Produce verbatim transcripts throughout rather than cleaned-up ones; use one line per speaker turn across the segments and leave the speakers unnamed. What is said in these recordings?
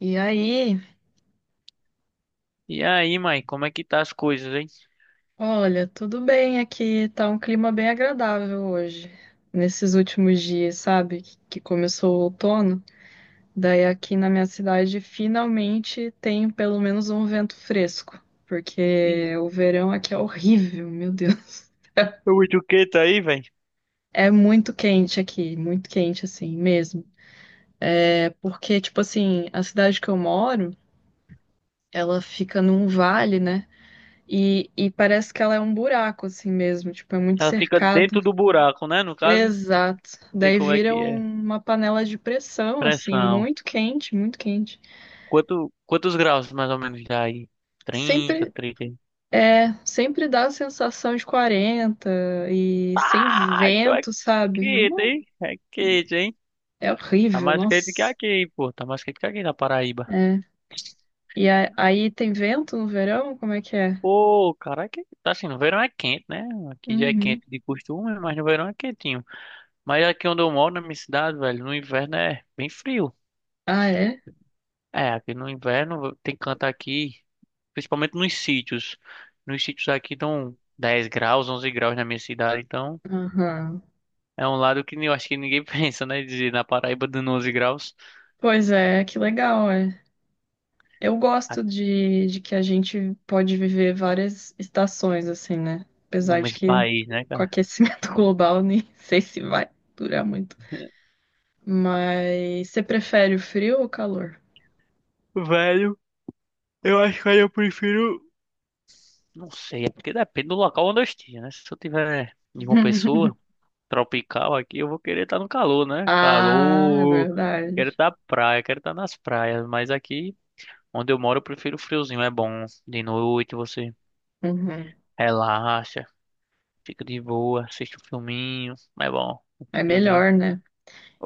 E aí,
E aí, mãe, como é que tá as coisas, hein?
olha, tudo bem aqui, tá um clima bem agradável hoje. Nesses últimos dias, sabe, que que começou o outono, daí aqui na minha cidade finalmente tem pelo menos um vento fresco,
E
porque o verão aqui é horrível, meu Deus.
o etiqueta aí, velho?
É muito quente aqui, muito quente assim mesmo. É porque, tipo assim, a cidade que eu moro, ela fica num vale, né? E, e parece que ela é um buraco assim mesmo, tipo, é muito
Ela fica
cercado.
dentro do buraco, né? No caso,
Exato.
sei
Daí
como é
vira
que é.
uma panela de pressão, assim,
Pressão.
muito quente, muito quente.
Quanto, quantos graus mais ou menos dá aí? Trinta,
Sempre
trinta.
é, Sempre dá a sensação de quarenta e sem
Ah, então é
vento, sabe? É,
quente,
uma-
hein? É quente, hein?
é
Tá
horrível,
mais quente que
nossa.
aqui, pô. Tá mais quente que aqui na Paraíba.
É. E a- aí tem vento no verão? Como é que é?
Pô, cara, que tá assim, no verão é quente, né? Aqui já é
Uhum.
quente de costume, mas no verão é quentinho. Mas aqui onde eu moro, na minha cidade, velho, no inverno é bem frio.
Ah, é?
É, aqui no inverno tem canto aqui, principalmente nos sítios. Nos sítios aqui dão dez graus, onze graus na minha cidade, então
Aham.
é um lado que eu acho que ninguém pensa, né? Dizer na Paraíba dando onze graus
Pois é, que legal, é. Eu gosto
aqui
de, de que a gente pode viver várias estações, assim, né?
no
Apesar de
mesmo
que
país, né,
com o
cara?
aquecimento global nem sei se vai durar muito. Mas você prefere o frio ou o calor?
Velho, eu acho que aí eu prefiro. Não sei, é porque depende do local onde eu esteja, né? Se eu tiver em uma pessoa tropical aqui, eu vou querer estar no calor, né?
Ah, é
Calor,
verdade.
quero estar praia, quero estar nas praias, mas aqui. Onde eu moro, eu prefiro o friozinho. É bom. De noite você
Uhum.
relaxa, fica de boa, assiste um filminho. É bom. O
É
friozinho.
melhor, né?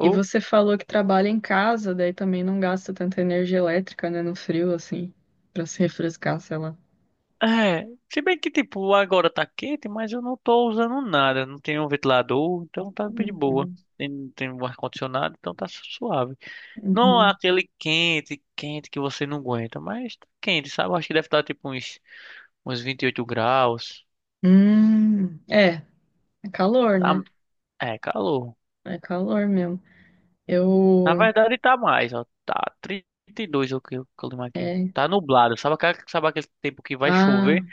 E você falou que trabalha em casa, daí também não gasta tanta energia elétrica, né? No frio, assim, pra se refrescar, sei lá.
é. Se bem que, tipo, agora tá quente, mas eu não tô usando nada. Não tenho um ventilador, então tá de boa.
Uhum.
Tem- Não tem um ar-condicionado, então tá suave. Não é
Uhum.
aquele quente, quente que você não aguenta, mas tá quente, sabe? Eu acho que deve estar tipo uns, uns vinte e oito graus.
Hum, é, é calor,
Tá,
né?
é calor.
É calor mesmo.
Na
Eu.
verdade tá mais, ó. Tá trinta e dois, o que o clima aqui.
É.
Tá nublado. Sabe, aquela- sabe aquele tempo que vai
Ah.
chover?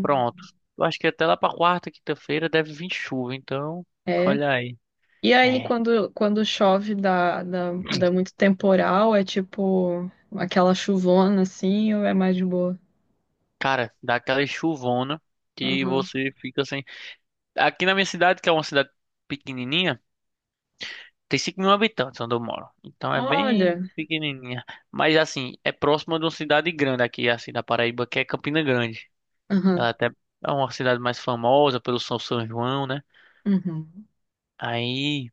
Pronto. Eu acho que até lá pra quarta, quinta-feira deve vir chuva, então.
É.
Olha aí.
E aí,
É.
quando, quando chove, dá, dá, dá muito temporal, é tipo aquela chuvona assim, ou é mais de boa?
Cara, dá aquela chuvona que
Aham.
você fica sem. Aqui na minha cidade, que é uma cidade pequenininha, tem cinco mil habitantes onde eu moro. Então é bem
Olha.
pequenininha. Mas assim, é próxima de uma cidade grande aqui, assim, da Paraíba, que é Campina Grande.
Aham.
Ela até é uma cidade mais famosa pelo São São João, né?
Uhum.
Aí,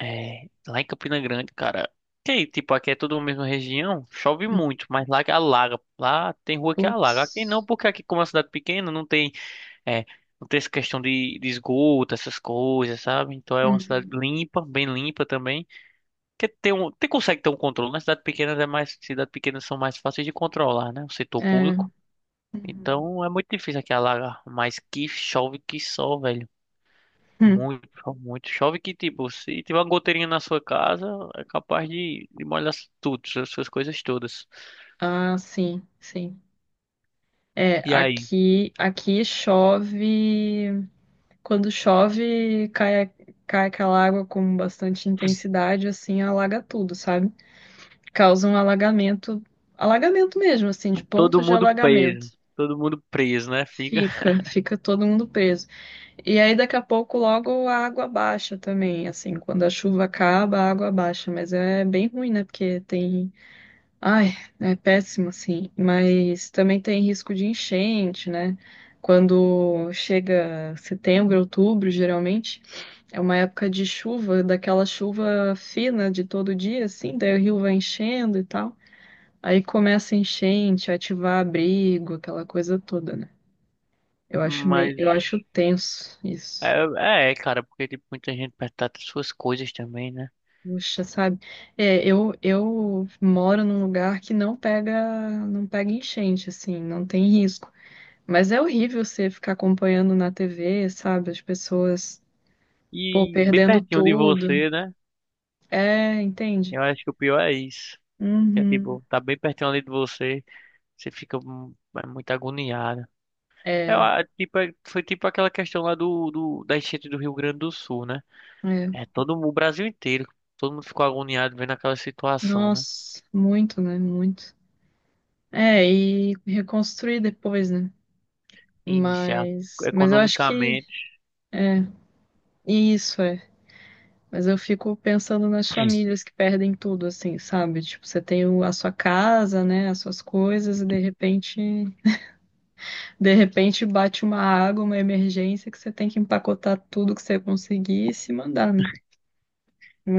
é, lá em Campina Grande, cara. Que, tipo, aqui é tudo a mesma região, chove
Hum.
muito, mas lá que alaga. Lá tem rua que alaga. Aqui não,
Putz.
porque aqui, como é uma cidade pequena, não tem, é, não tem essa questão de, de esgoto, essas coisas, sabe? Então é uma cidade
Uhum.
limpa, bem limpa também. Que tem um, tem, consegue ter um controle. Nas cidades pequenas é mais, cidades pequenas são mais fáceis de controlar, né? O setor
É.
público.
Uhum.
Então é muito difícil aqui alagar. Mas que chove que só, velho.
Hum.
Muito, chove muito. Chove que, tipo, se tiver uma goteirinha na sua casa, é capaz de, de molhar tudo, as suas coisas todas.
Ah, sim, sim. É,
E aí?
aqui, aqui chove. Quando chove, cai, cai aquela água com bastante intensidade, assim, alaga tudo, sabe? Causa um alagamento, alagamento mesmo, assim, de
Todo
pontos de
mundo
alagamento.
preso. Todo mundo preso, né? Fica.
Fica, fica todo mundo preso. E aí daqui a pouco logo a água baixa também, assim, quando a chuva acaba, a água baixa, mas é bem ruim, né? Porque tem, ai, é péssimo assim, mas também tem risco de enchente, né? Quando chega setembro, outubro, geralmente é uma época de chuva, daquela chuva fina de todo dia, assim, daí o rio vai enchendo e tal. Aí começa a enchente, ativar abrigo, aquela coisa toda, né? Eu acho meio,
Mas
eu acho tenso
é,
isso.
é, é, cara, porque tipo, muita gente perto das suas coisas também, né?
Puxa, sabe? É, eu, eu moro num lugar que não pega, não pega enchente, assim, não tem risco. Mas é horrível você ficar acompanhando na T V, sabe? As pessoas, pô,
E bem
perdendo
pertinho de
tudo.
você, né?
É, entende?
Eu acho que o pior é isso. Que é
Uhum.
tipo, tá bem pertinho ali de você, você fica hum, é muito agoniado. É,
É,
ah, tipo, é- foi tipo aquela questão lá do, do, da enchente do Rio Grande do Sul, né?
é.
É todo mu- o Brasil inteiro, todo mundo ficou agoniado vendo aquela situação, né?
Nossa, muito, né? Muito. É, e reconstruir depois, né?
E já
Mas, mas eu acho que
economicamente.
isso é. Mas eu fico pensando nas famílias que perdem tudo, assim, sabe? Tipo, você tem o- a sua casa, né? As suas coisas, e de repente, de repente bate uma água, uma emergência que você tem que empacotar tudo que você conseguir e se mandar, né?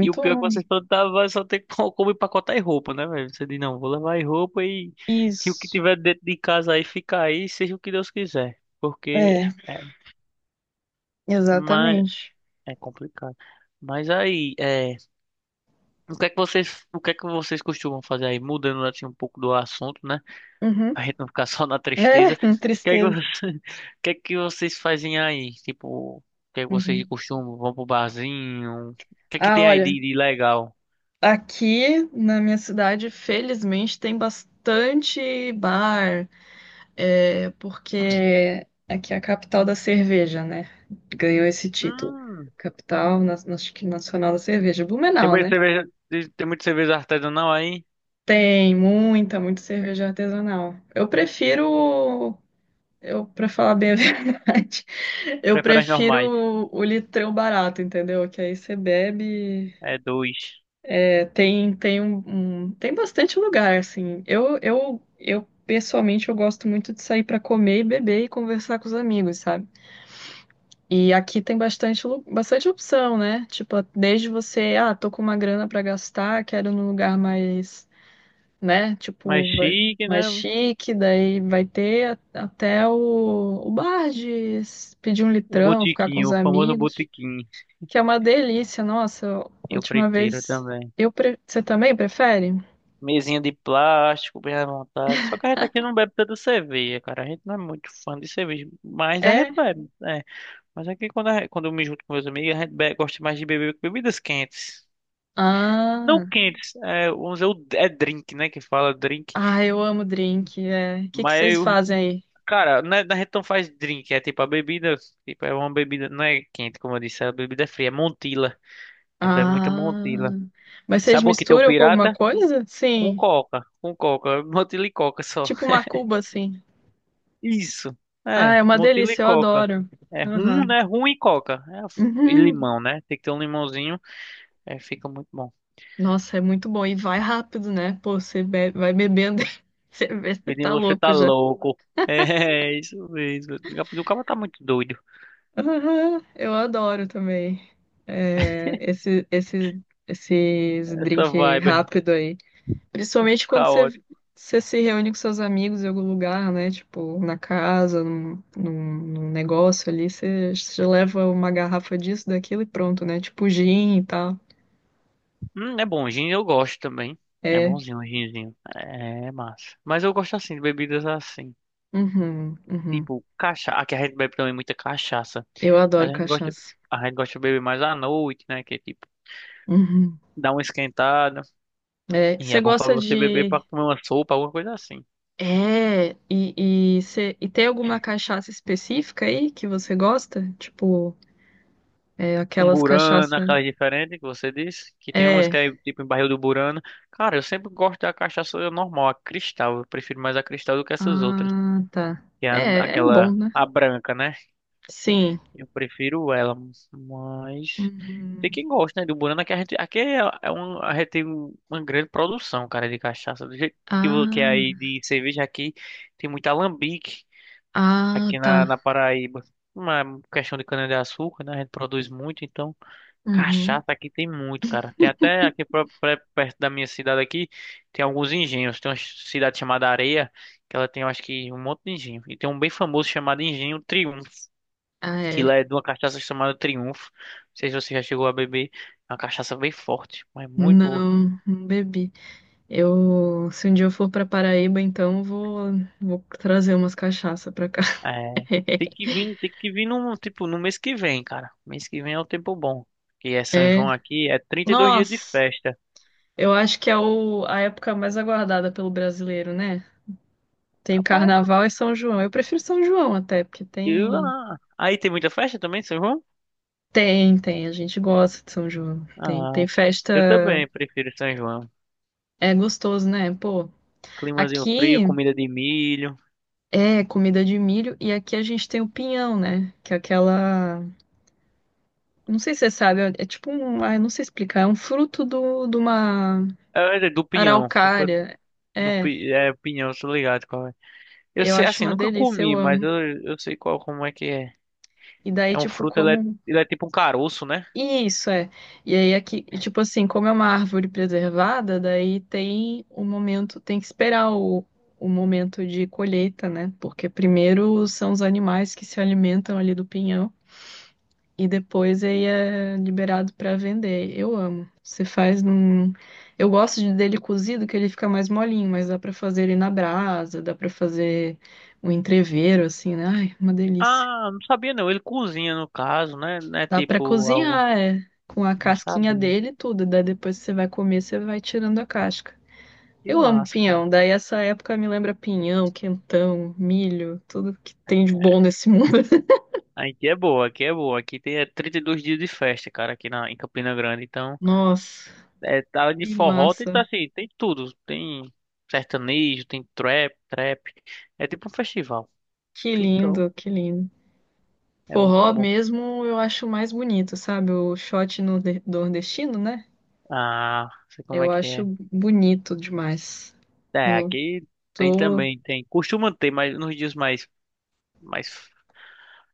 E o pior é que
ruim.
vocês plantavam vai só ter co- como empacotar e roupa, né, velho? Você diz, não, vou levar aí roupa e, e o que
Isso.
tiver dentro de casa aí fica aí, seja o que Deus quiser. Porque
É,
é, mas
exatamente.
é complicado. Mas aí, é, o que é que vocês, o que é que vocês costumam fazer aí? Mudando assim um pouco do assunto, né?
Uhum.
A gente não ficar só na
É,
tristeza. O que é que você-
tristeza.
o que é que vocês fazem aí? Tipo, o que é que vocês de
Uhum.
costume? Vão pro barzinho? O que é que
Ah,
tem aí
olha,
de, de legal?
aqui na minha cidade, felizmente, tem bastante bar. É porque aqui é a capital da cerveja, né? Ganhou esse título.
Hum,
Capital na- na- acho que nacional da cerveja,
tem
Blumenau,
muita
né?
cerveja, tem muita cerveja artesanal aí?
Tem muita, muita cerveja artesanal. Eu prefiro, eu para falar bem a verdade, eu
Prefere as normais.
prefiro o litrão barato, entendeu? Que aí você bebe,
É dois.
é, tem tem um, um- tem bastante lugar assim. Eu eu eu pessoalmente eu gosto muito de sair para comer e beber e conversar com os amigos, sabe? E aqui tem bastante, lu- bastante opção, né? Tipo, desde você, ah, tô com uma grana pra gastar, quero num lugar mais, né?
Mais
Tipo, vai-
chique,
mais
né?
chique, daí vai ter a- até o, o bar de s- pedir um
O
litrão, ficar com
botiquinho,
os
o famoso
amigos,
botiquinho.
que é uma delícia. Nossa,
Eu
última
prefiro
vez.
também.
Eu pre- Você também prefere?
Mesinha de plástico, bem à vontade. Só que a gente aqui não bebe tanta cerveja, cara. A gente não é muito fã de cerveja. Mas a
É?
gente bebe, né? Mas aqui quando, a- quando eu me junto com meus amigos, a gente be- gosta mais de beber bebidas quentes. Não
Ah,
quentes, é, vamos dizer, o- é drink, né? Que fala drink.
ah, eu amo drink. É. O que que
Mas,
vocês
eu-
fazem aí?
cara, na, na gente não faz drink, é tipo a bebida, tipo, é uma bebida, não é quente, como eu disse, a bebida é fria, é Montila. A gente bebe muita
Ah,
Montila.
mas vocês
Sabe o que tem o
misturam com alguma
pirata?
coisa?
Com
Sim.
coca, com coca, Montila e coca só.
Tipo uma cuba, assim.
Isso,
Ah,
é,
é uma
Montila e
delícia, eu
coca.
adoro.
É rum,
Aham.
né? Rum e coca. É, e
Uhum.
limão, né? Tem que ter um limãozinho, é, fica muito bom.
Nossa, é muito bom. E vai rápido, né? Pô, você be- vai bebendo, você vê, você
Pedrinho,
tá
você
louco
tá
já.
louco. É, isso mesmo. O cara tá muito doido.
Aham, eu adoro também. É, esse, esses, esses
Essa
drink
vibe aí,
rápido aí. Principalmente quando você,
caótico.
você se reúne com seus amigos em algum lugar, né? Tipo, na casa, num, num, num negócio ali, você, você leva uma garrafa disso, daquilo e pronto, né? Tipo gin e tal.
Hum, é bom, gin eu gosto também. É
É,
bonzinho, o ginzinho. É massa. Mas eu gosto assim, de bebidas assim.
uhum, uhum.
Tipo, cachaça. Aqui a gente bebe também muita cachaça.
Eu adoro
Mas a gente gosta,
cachaça.
a gente gosta de beber mais à noite, né? Que é tipo,
Uhum.
dá uma esquentada.
É,
E
você
é bom pra
gosta
você beber pra
de.
comer uma sopa, alguma coisa assim.
É, e, e, cê- e tem alguma cachaça específica aí que você gosta? Tipo, é,
Um
aquelas
Burana,
cachaça.
aquelas diferentes que você disse, que tem uns que
É.
é tipo em barril do Burana. Cara, eu sempre gosto da cachaça normal, a cristal. Eu prefiro mais a cristal do que essas outras.
Ah, tá.
Que é a-
É, é bom,
aquela,
né?
a branca, né?
Sim.
Eu prefiro ela, mas tem
Uhum.
quem gosta, né, do Burana, que a gente, aqui é, é um, a gente tem um- uma grande produção, cara, de cachaça. Do jeito que, vo- que é aí
Ah,
de cerveja aqui, tem muito alambique
ah,
aqui
tá.
na, na Paraíba. Uma questão de cana-de-açúcar, né? A gente produz muito, então.
Uhum.
Cachaça aqui tem muito, cara. Tem até aqui pro- pré- perto da minha cidade aqui, tem alguns engenhos. Tem uma cidade chamada Areia, que ela tem, eu acho que, um monte de engenho. E tem um bem famoso chamado Engenho Triunfo,
Ah,
que
é.
lá é de uma cachaça chamada Triunfo. Não sei se você já chegou a beber. É uma cachaça bem forte, mas muito boa.
Não, não bebi. Eu, se um dia eu for pra Paraíba, então eu vou, vou trazer umas cachaça pra cá.
É, tem que vir, tem que vir no, tipo, no mês que vem, cara. Mês que vem é o tempo bom. Que é São
É.
João aqui, é trinta e dois dias de
Nossa,
festa.
eu acho que é o, a época mais aguardada pelo brasileiro, né? Tem
Rapaz,
Carnaval e São João. Eu prefiro São João até, porque
eu-
tem.
ah. aí tem muita festa também, São João?
Tem, tem. A gente gosta de São João. Tem,
Ah,
tem
eu
festa.
também prefiro São João.
É gostoso, né? Pô,
Climazinho frio,
aqui
comida de milho.
é comida de milho e aqui a gente tem o pinhão, né? Que é aquela. Não sei se você sabe, é é tipo um. Ah, eu não sei explicar. É um fruto do, de uma
É, é do pinhão. Opa,
araucária.
Do,
É,
pi- é pinhão, tô ligado qual é. Eu
eu
sei,
acho
assim,
uma
nunca
delícia, eu
comi, mas
amo.
eu, eu sei qual, como é que é.
E daí,
É um
tipo,
fruto, ele é,
como.
ele é tipo um caroço, né?
Isso é. E aí aqui, e, tipo assim, como é uma árvore preservada, daí tem o momento, tem que esperar o, o momento de colheita, né? Porque primeiro são os animais que se alimentam ali do pinhão e depois aí é liberado para vender. Eu amo. Você faz num, eu gosto de- dele cozido que ele fica mais molinho, mas dá para fazer ele na brasa, dá para fazer um entrevero assim, né? Ai, uma delícia.
Ah, não sabia não. Ele cozinha, no caso, né? Não é
Dá pra
tipo algo...
cozinhar, é. Com a
Não
casquinha
sabia.
dele e tudo. Daí depois que você vai comer, você vai tirando a casca.
Que
Eu amo
massa, cara.
pinhão. Daí essa época me lembra pinhão, quentão, milho, tudo que tem de bom nesse mundo.
Aqui é boa, aqui é boa. Aqui tem é trinta e dois dias de festa, cara, aqui na, em Campina Grande. Então...
Nossa,
É, tá de
que
forró, tem,
massa.
tá assim, tem tudo. Tem sertanejo, tem trap, trap. É tipo um festival.
Que
Então,
lindo, que lindo.
é muito
Forró
bom.
mesmo eu acho mais bonito, sabe? O shot no de- nordestino, né?
Ah, sei como é
Eu
que
acho
é.
bonito demais.
É,
Eu
aqui tem
tô.
também, tem. Costuma ter, mas nos dias mais, mais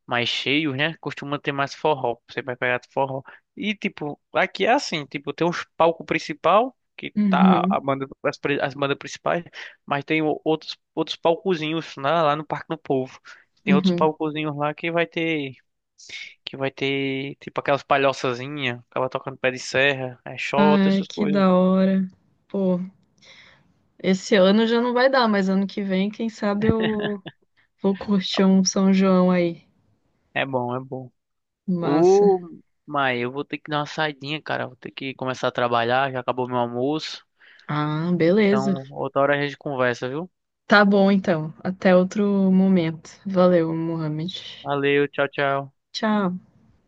mais cheios, né? Costuma ter mais forró. Você vai pegar forró. E tipo, aqui é assim, tipo, tem os palco principal, que tá a
Uhum,
banda, as, pri- as bandas principais, mas tem o- outros outros palcozinhos lá, lá no Parque do Povo. Tem outros
uhum.
palcozinhos lá que vai ter que vai ter tipo aquelas palhoçazinhas, acaba tocando pé de serra, é xota,
Ai,
essas
que
coisas.
da hora. Pô. Esse ano já não vai dar, mas ano que vem, quem sabe eu vou curtir um São João aí.
É bom, é bom.
Massa.
Ô, mas eu vou ter que dar uma saidinha, cara. Vou ter que começar a trabalhar, já acabou meu almoço.
Ah, beleza.
Então, outra hora a gente conversa, viu?
Tá bom então. Até outro momento. Valeu, Mohamed.
Valeu, tchau, tchau.
Tchau.